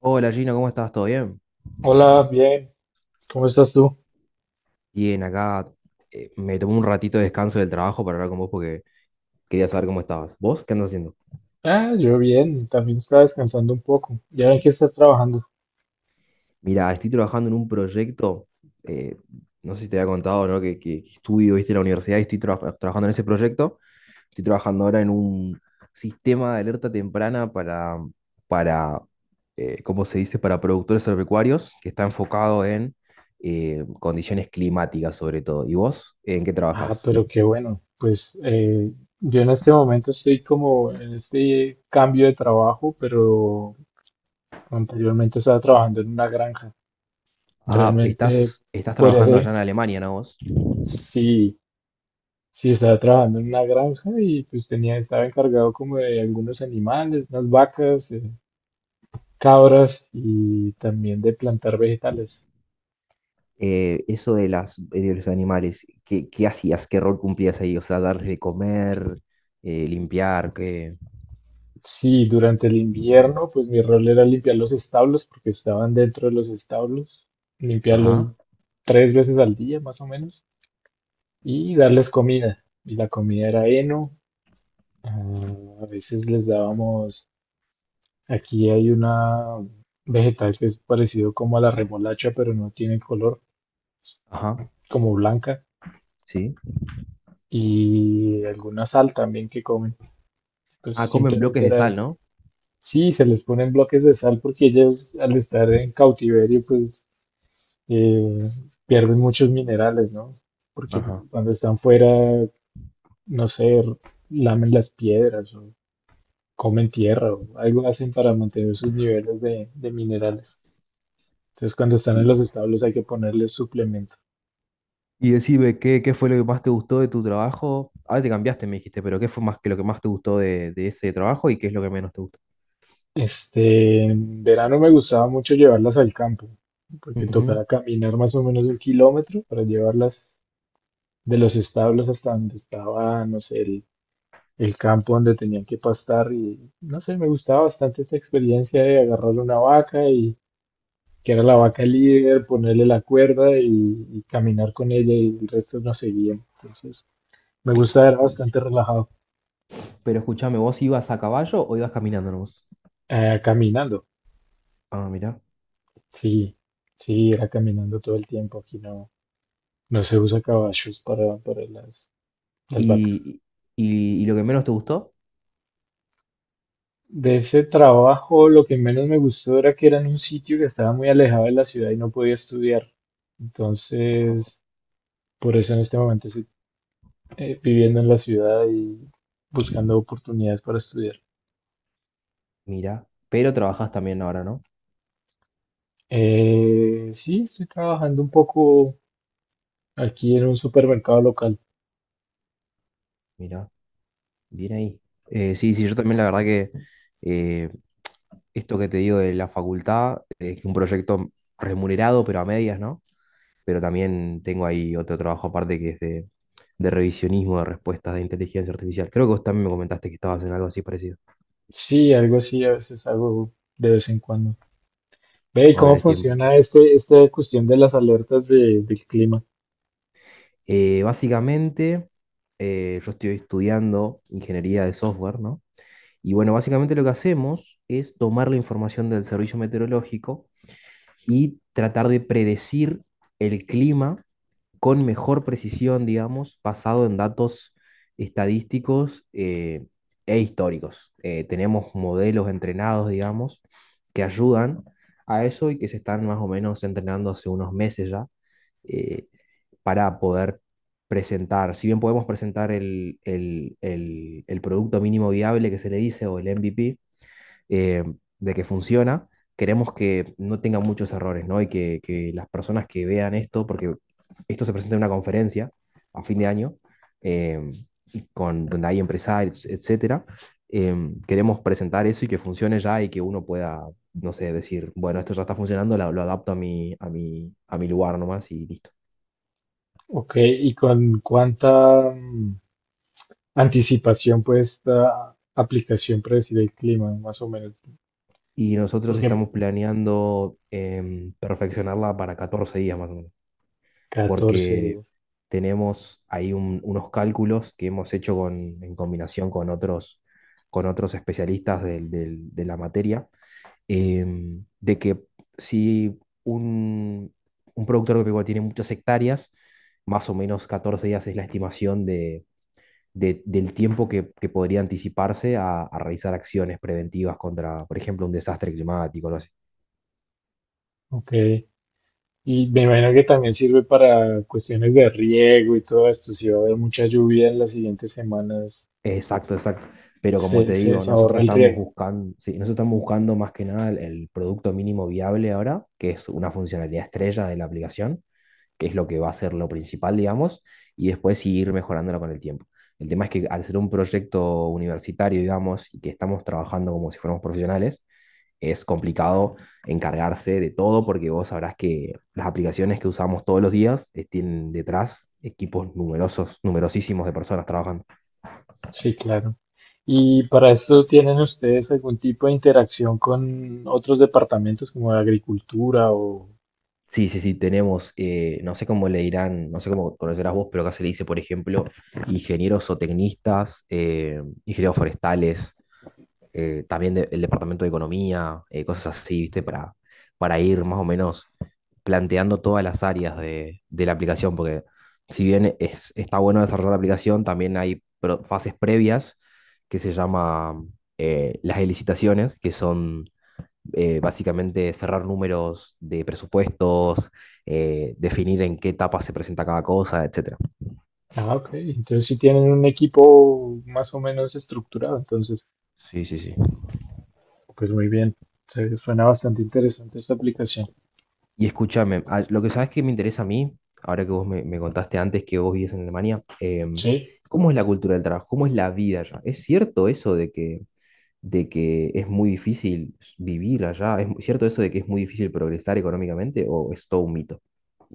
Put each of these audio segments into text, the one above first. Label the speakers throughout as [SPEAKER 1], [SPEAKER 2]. [SPEAKER 1] Hola, Gino, ¿cómo estás? ¿Todo bien?
[SPEAKER 2] Hola, bien, ¿cómo estás tú?
[SPEAKER 1] Bien, acá me tomé un ratito de descanso del trabajo para hablar con vos porque quería saber cómo estabas. ¿Vos qué andas haciendo?
[SPEAKER 2] Ah, yo bien, también estaba descansando un poco. ¿Ya ven que estás trabajando?
[SPEAKER 1] Mira, estoy trabajando en un proyecto, eh, no sé si te había contado, ¿no? Que estudio, viste, en la universidad y estoy trabajando en ese proyecto. Estoy trabajando ahora en un sistema de alerta temprana para, ¿cómo se dice? Para productores agropecuarios que está enfocado en condiciones climáticas sobre todo. ¿Y vos en qué
[SPEAKER 2] Ah,
[SPEAKER 1] trabajas?
[SPEAKER 2] pero qué bueno. Pues yo en este momento estoy como en este cambio de trabajo, pero anteriormente estaba trabajando en una granja.
[SPEAKER 1] Ajá,
[SPEAKER 2] Realmente,
[SPEAKER 1] estás
[SPEAKER 2] podría
[SPEAKER 1] trabajando allá en
[SPEAKER 2] ser,
[SPEAKER 1] Alemania, ¿no, vos?
[SPEAKER 2] sí, sí estaba trabajando en una granja y pues tenía, estaba encargado como de algunos animales, unas vacas, cabras y también de plantar vegetales.
[SPEAKER 1] Eso de los animales, ¿qué hacías? ¿Qué rol cumplías ahí? O sea, darles de comer, limpiar, qué...
[SPEAKER 2] Sí, durante el invierno, pues mi rol era limpiar los establos porque estaban dentro de los establos, limpiarlos
[SPEAKER 1] Ajá,
[SPEAKER 2] tres veces al día más o menos y darles comida. Y la comida era heno, ah, a veces les dábamos, aquí hay una vegetal que es parecido como a la remolacha, pero no tiene color,
[SPEAKER 1] ajá.
[SPEAKER 2] como blanca,
[SPEAKER 1] ¿Sí?
[SPEAKER 2] y alguna sal también que comen. Pues
[SPEAKER 1] Ah, comen bloques
[SPEAKER 2] simplemente
[SPEAKER 1] de
[SPEAKER 2] era
[SPEAKER 1] sal,
[SPEAKER 2] eso.
[SPEAKER 1] ¿no?
[SPEAKER 2] Sí, se les ponen bloques de sal porque ellas al estar en cautiverio, pues eh, pierden muchos minerales, ¿no? Porque
[SPEAKER 1] Ajá.
[SPEAKER 2] cuando están fuera, no sé, lamen las piedras o comen tierra o algo hacen para mantener sus niveles de minerales. Entonces, cuando están en
[SPEAKER 1] Y,
[SPEAKER 2] los establos hay que ponerles suplemento.
[SPEAKER 1] y decime, ¿qué fue lo que más te gustó de tu trabajo? Ahora te cambiaste, me dijiste, pero ¿qué fue más que lo que más te gustó de ese trabajo y qué es lo que menos te gustó?
[SPEAKER 2] Este, en verano me gustaba mucho llevarlas al campo, porque tocaba
[SPEAKER 1] Ujú.
[SPEAKER 2] caminar más o menos un kilómetro para llevarlas de los establos hasta donde estaba, no sé, el campo donde tenían que pastar y no sé, me gustaba bastante esta experiencia de agarrar una vaca y que era la vaca líder, ponerle la cuerda y caminar con ella y el resto nos seguía. Entonces, me gustaba, era bastante relajado.
[SPEAKER 1] Pero escúchame, ¿vos ibas a caballo o ibas caminando nomás?
[SPEAKER 2] Caminando,
[SPEAKER 1] Ah, mira.
[SPEAKER 2] sí, sí, era caminando todo el tiempo. Aquí no, no se usa caballos para las vacas.
[SPEAKER 1] ¿Y, y lo que menos te gustó?
[SPEAKER 2] De ese trabajo, lo que menos me gustó era que era en un sitio que estaba muy alejado de la ciudad y no podía estudiar.
[SPEAKER 1] Ajá.
[SPEAKER 2] Entonces, por eso en este momento estoy viviendo en la ciudad y buscando oportunidades para estudiar.
[SPEAKER 1] Mira, pero trabajas también ahora, ¿no?
[SPEAKER 2] Sí, estoy trabajando un poco aquí en un supermercado local.
[SPEAKER 1] Mira, bien ahí. Sí, sí, yo también, la verdad que eh, esto que te digo de la facultad, es un proyecto remunerado, pero a medias, ¿no? Pero también tengo ahí otro trabajo aparte que es de revisionismo de respuestas de inteligencia artificial. Creo que vos también me comentaste que estabas en algo así parecido,
[SPEAKER 2] Sí, algo así a veces hago de vez en cuando. Ve, ¿y
[SPEAKER 1] cuando
[SPEAKER 2] cómo
[SPEAKER 1] tenés tiempo.
[SPEAKER 2] funciona este, esta cuestión de las alertas del clima?
[SPEAKER 1] Básicamente, yo estoy estudiando ingeniería de software, ¿no? Y bueno, básicamente lo que hacemos es tomar la información del servicio meteorológico y tratar de predecir el clima con mejor precisión, digamos, basado en datos estadísticos e históricos. Tenemos modelos entrenados, digamos, que ayudan a eso y que se están más o menos entrenando hace unos meses ya, eh, para poder presentar, si bien podemos presentar el producto mínimo viable, que se le dice, o el MVP, eh, de que funciona, queremos que no tenga muchos errores, ¿no? Y que las personas que vean esto, porque esto se presenta en una conferencia a fin de año, eh, y con, donde hay empresarios, etcétera, queremos presentar eso y que funcione ya y que uno pueda, no sé, decir, bueno, esto ya está funcionando, lo adapto a mi, a mi, a mi lugar nomás y listo.
[SPEAKER 2] Ok, ¿y con cuánta anticipación puede esta aplicación predecir el clima, más o menos?
[SPEAKER 1] Y nosotros
[SPEAKER 2] Porque
[SPEAKER 1] estamos planeando, perfeccionarla para 14 días más o menos.
[SPEAKER 2] 14,
[SPEAKER 1] Porque tenemos ahí unos cálculos que hemos hecho en combinación con otros especialistas de la materia, de que si un, un productor agropecuario tiene muchas hectáreas, más o menos 14 días es la estimación de, del tiempo que podría anticiparse a realizar acciones preventivas contra, por ejemplo, un desastre climático, algo.
[SPEAKER 2] ok. Y me imagino que también sirve para cuestiones de riego y todo esto. Si va a haber mucha lluvia en las siguientes semanas,
[SPEAKER 1] Exacto, exacto. Pero como te digo,
[SPEAKER 2] se ahorra
[SPEAKER 1] nosotros
[SPEAKER 2] el
[SPEAKER 1] estamos
[SPEAKER 2] riego.
[SPEAKER 1] buscando, sí, nosotros estamos buscando más que nada el, el producto mínimo viable ahora, que es una funcionalidad estrella de la aplicación, que es lo que va a ser lo principal, digamos, y después sí ir mejorándola con el tiempo. El tema es que al ser un proyecto universitario, digamos, y que estamos trabajando como si fuéramos profesionales, es complicado encargarse de todo, porque vos sabrás que las aplicaciones que usamos todos los días, tienen detrás equipos numerosos, numerosísimos de personas trabajando.
[SPEAKER 2] Sí, claro. ¿Y para esto tienen ustedes algún tipo de interacción con otros departamentos como de agricultura o...
[SPEAKER 1] Sí, sí, sí, tenemos, no sé cómo le dirán, no sé cómo conocerás vos, pero acá se le dice, por ejemplo, ingenieros o tecnistas, ingenieros forestales, también el departamento de economía, cosas así, ¿viste? Para ir más o menos planteando todas las áreas de la aplicación, porque si bien es, está bueno desarrollar la aplicación, también hay fases previas, que se llama, las licitaciones, que son básicamente cerrar números de presupuestos, definir en qué etapa se presenta cada cosa, etcétera.
[SPEAKER 2] Ah, ok. Entonces sí tienen un equipo más o menos estructurado. Entonces,
[SPEAKER 1] Sí, sí, sí.
[SPEAKER 2] pues muy bien. Suena bastante interesante esta aplicación.
[SPEAKER 1] Y escúchame, ah, lo que sabes que me interesa a mí, ahora que vos me, me contaste antes que vos vivías en Alemania,
[SPEAKER 2] Sí.
[SPEAKER 1] ¿cómo es la cultura del trabajo? ¿Cómo es la vida allá? ¿Es cierto eso de que es muy difícil vivir allá? ¿Es cierto eso de que es muy difícil progresar económicamente o es todo un mito?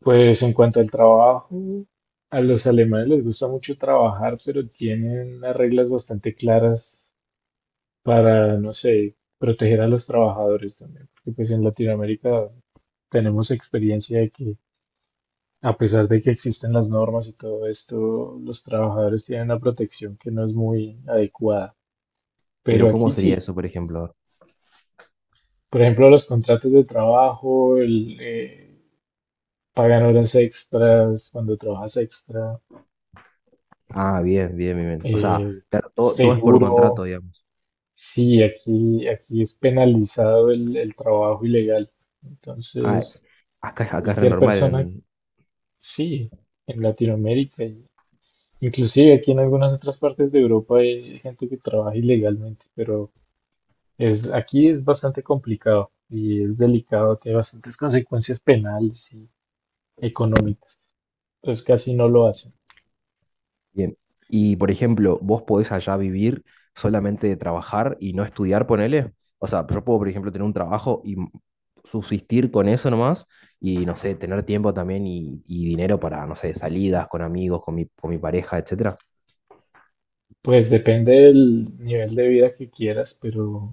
[SPEAKER 2] Pues en cuanto al trabajo, a los alemanes les gusta mucho trabajar, pero tienen unas reglas bastante claras para, no sé, proteger a los trabajadores también, porque pues en Latinoamérica tenemos experiencia de que a pesar de que existen las normas y todo esto, los trabajadores tienen una protección que no es muy adecuada.
[SPEAKER 1] Pero
[SPEAKER 2] Pero
[SPEAKER 1] ¿cómo
[SPEAKER 2] aquí
[SPEAKER 1] sería
[SPEAKER 2] sí,
[SPEAKER 1] eso, por ejemplo?
[SPEAKER 2] por ejemplo, los contratos de trabajo, pagan horas extras cuando trabajas extra,
[SPEAKER 1] Ah, bien, bien, bien, bien. O sea,
[SPEAKER 2] eh,
[SPEAKER 1] claro, todo, todo es por contrato,
[SPEAKER 2] seguro.
[SPEAKER 1] digamos.
[SPEAKER 2] Sí, aquí es penalizado el trabajo ilegal.
[SPEAKER 1] Ah,
[SPEAKER 2] Entonces,
[SPEAKER 1] acá, acá es re
[SPEAKER 2] cualquier
[SPEAKER 1] normal.
[SPEAKER 2] persona, sí, en Latinoamérica, y inclusive aquí en algunas otras partes de Europa hay gente que trabaja ilegalmente, pero es, aquí es bastante complicado y es delicado, tiene bastantes consecuencias penales y económicas. Entonces casi no lo hacen.
[SPEAKER 1] Bien. Y por ejemplo, vos podés allá vivir solamente de trabajar y no estudiar, ponele. O sea, yo puedo, por ejemplo, tener un trabajo y subsistir con eso nomás y, no sé, tener tiempo también y dinero para, no sé, salidas con amigos, con mi pareja, etcétera.
[SPEAKER 2] Pues depende del nivel de vida que quieras, pero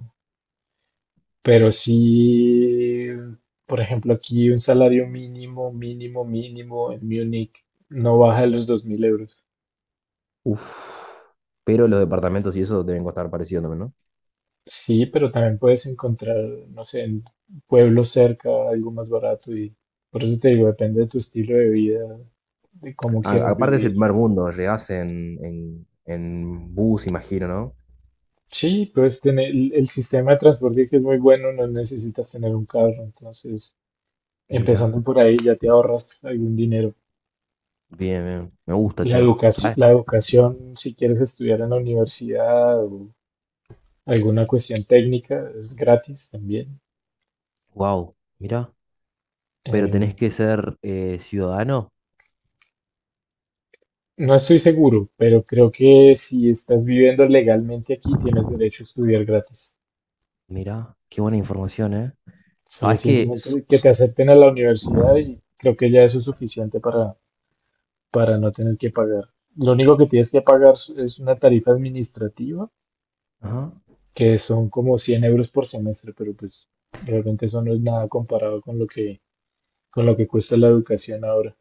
[SPEAKER 2] Pero sí, por ejemplo, aquí un salario mínimo, mínimo, mínimo en Múnich no baja de los 2.000 euros.
[SPEAKER 1] Uf. Pero los departamentos y eso deben costar parecido también, ¿no?
[SPEAKER 2] Sí, pero también puedes encontrar, no sé, en pueblos cerca algo más barato y por eso te digo, depende de tu estilo de vida, de cómo quieras
[SPEAKER 1] Aparte es el
[SPEAKER 2] vivir.
[SPEAKER 1] primer mundo, llegás en bus, imagino, ¿no?
[SPEAKER 2] Sí, puedes tener el sistema de transporte que es muy bueno, no necesitas tener un carro, entonces
[SPEAKER 1] Mira.
[SPEAKER 2] empezando por ahí ya te ahorras algún dinero.
[SPEAKER 1] Bien, bien. Me gusta, che. ¿Sabes?
[SPEAKER 2] La educación, si quieres estudiar en la universidad o alguna cuestión técnica, es gratis también.
[SPEAKER 1] Wow, mira, pero
[SPEAKER 2] Eh,
[SPEAKER 1] tenés que ser ciudadano.
[SPEAKER 2] no estoy seguro, pero creo que si estás viviendo legalmente aquí, tienes derecho a estudiar gratis.
[SPEAKER 1] Mira, qué buena información, ¿eh?
[SPEAKER 2] Sí,
[SPEAKER 1] Sabés
[SPEAKER 2] es
[SPEAKER 1] que.
[SPEAKER 2] simplemente que te acepten a la universidad y creo que ya eso es suficiente para no tener que pagar. Lo único que tienes que pagar es una tarifa administrativa,
[SPEAKER 1] Ajá.
[SPEAKER 2] que son como 100 € por semestre, pero pues realmente eso no es nada comparado con lo que cuesta la educación ahora.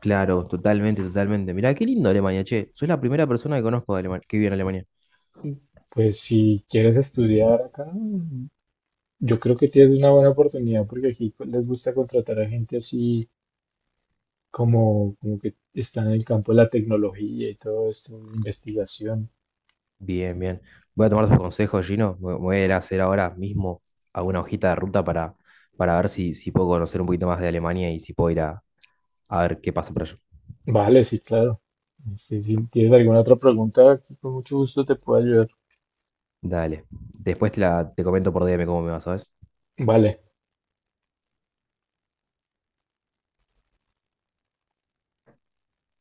[SPEAKER 1] Claro, totalmente, totalmente. Mira, qué lindo Alemania, che. Soy la primera persona que conozco de Alemania, que vive en Alemania.
[SPEAKER 2] Pues si quieres estudiar acá, yo creo que tienes una buena oportunidad porque aquí les gusta contratar a gente así como, como que está en el campo de la tecnología y todo esto, de investigación.
[SPEAKER 1] Bien, bien. Voy a tomar tus consejos, Gino. Me voy a ir a hacer ahora mismo alguna hojita de ruta para ver si, si puedo conocer un poquito más de Alemania y si puedo ir a ver qué pasa por allá.
[SPEAKER 2] Vale, sí, claro. Este, si tienes alguna otra pregunta, aquí con mucho gusto te puedo ayudar.
[SPEAKER 1] Dale. Después te, la, te comento por DM cómo me va, ¿sabes?
[SPEAKER 2] Vale.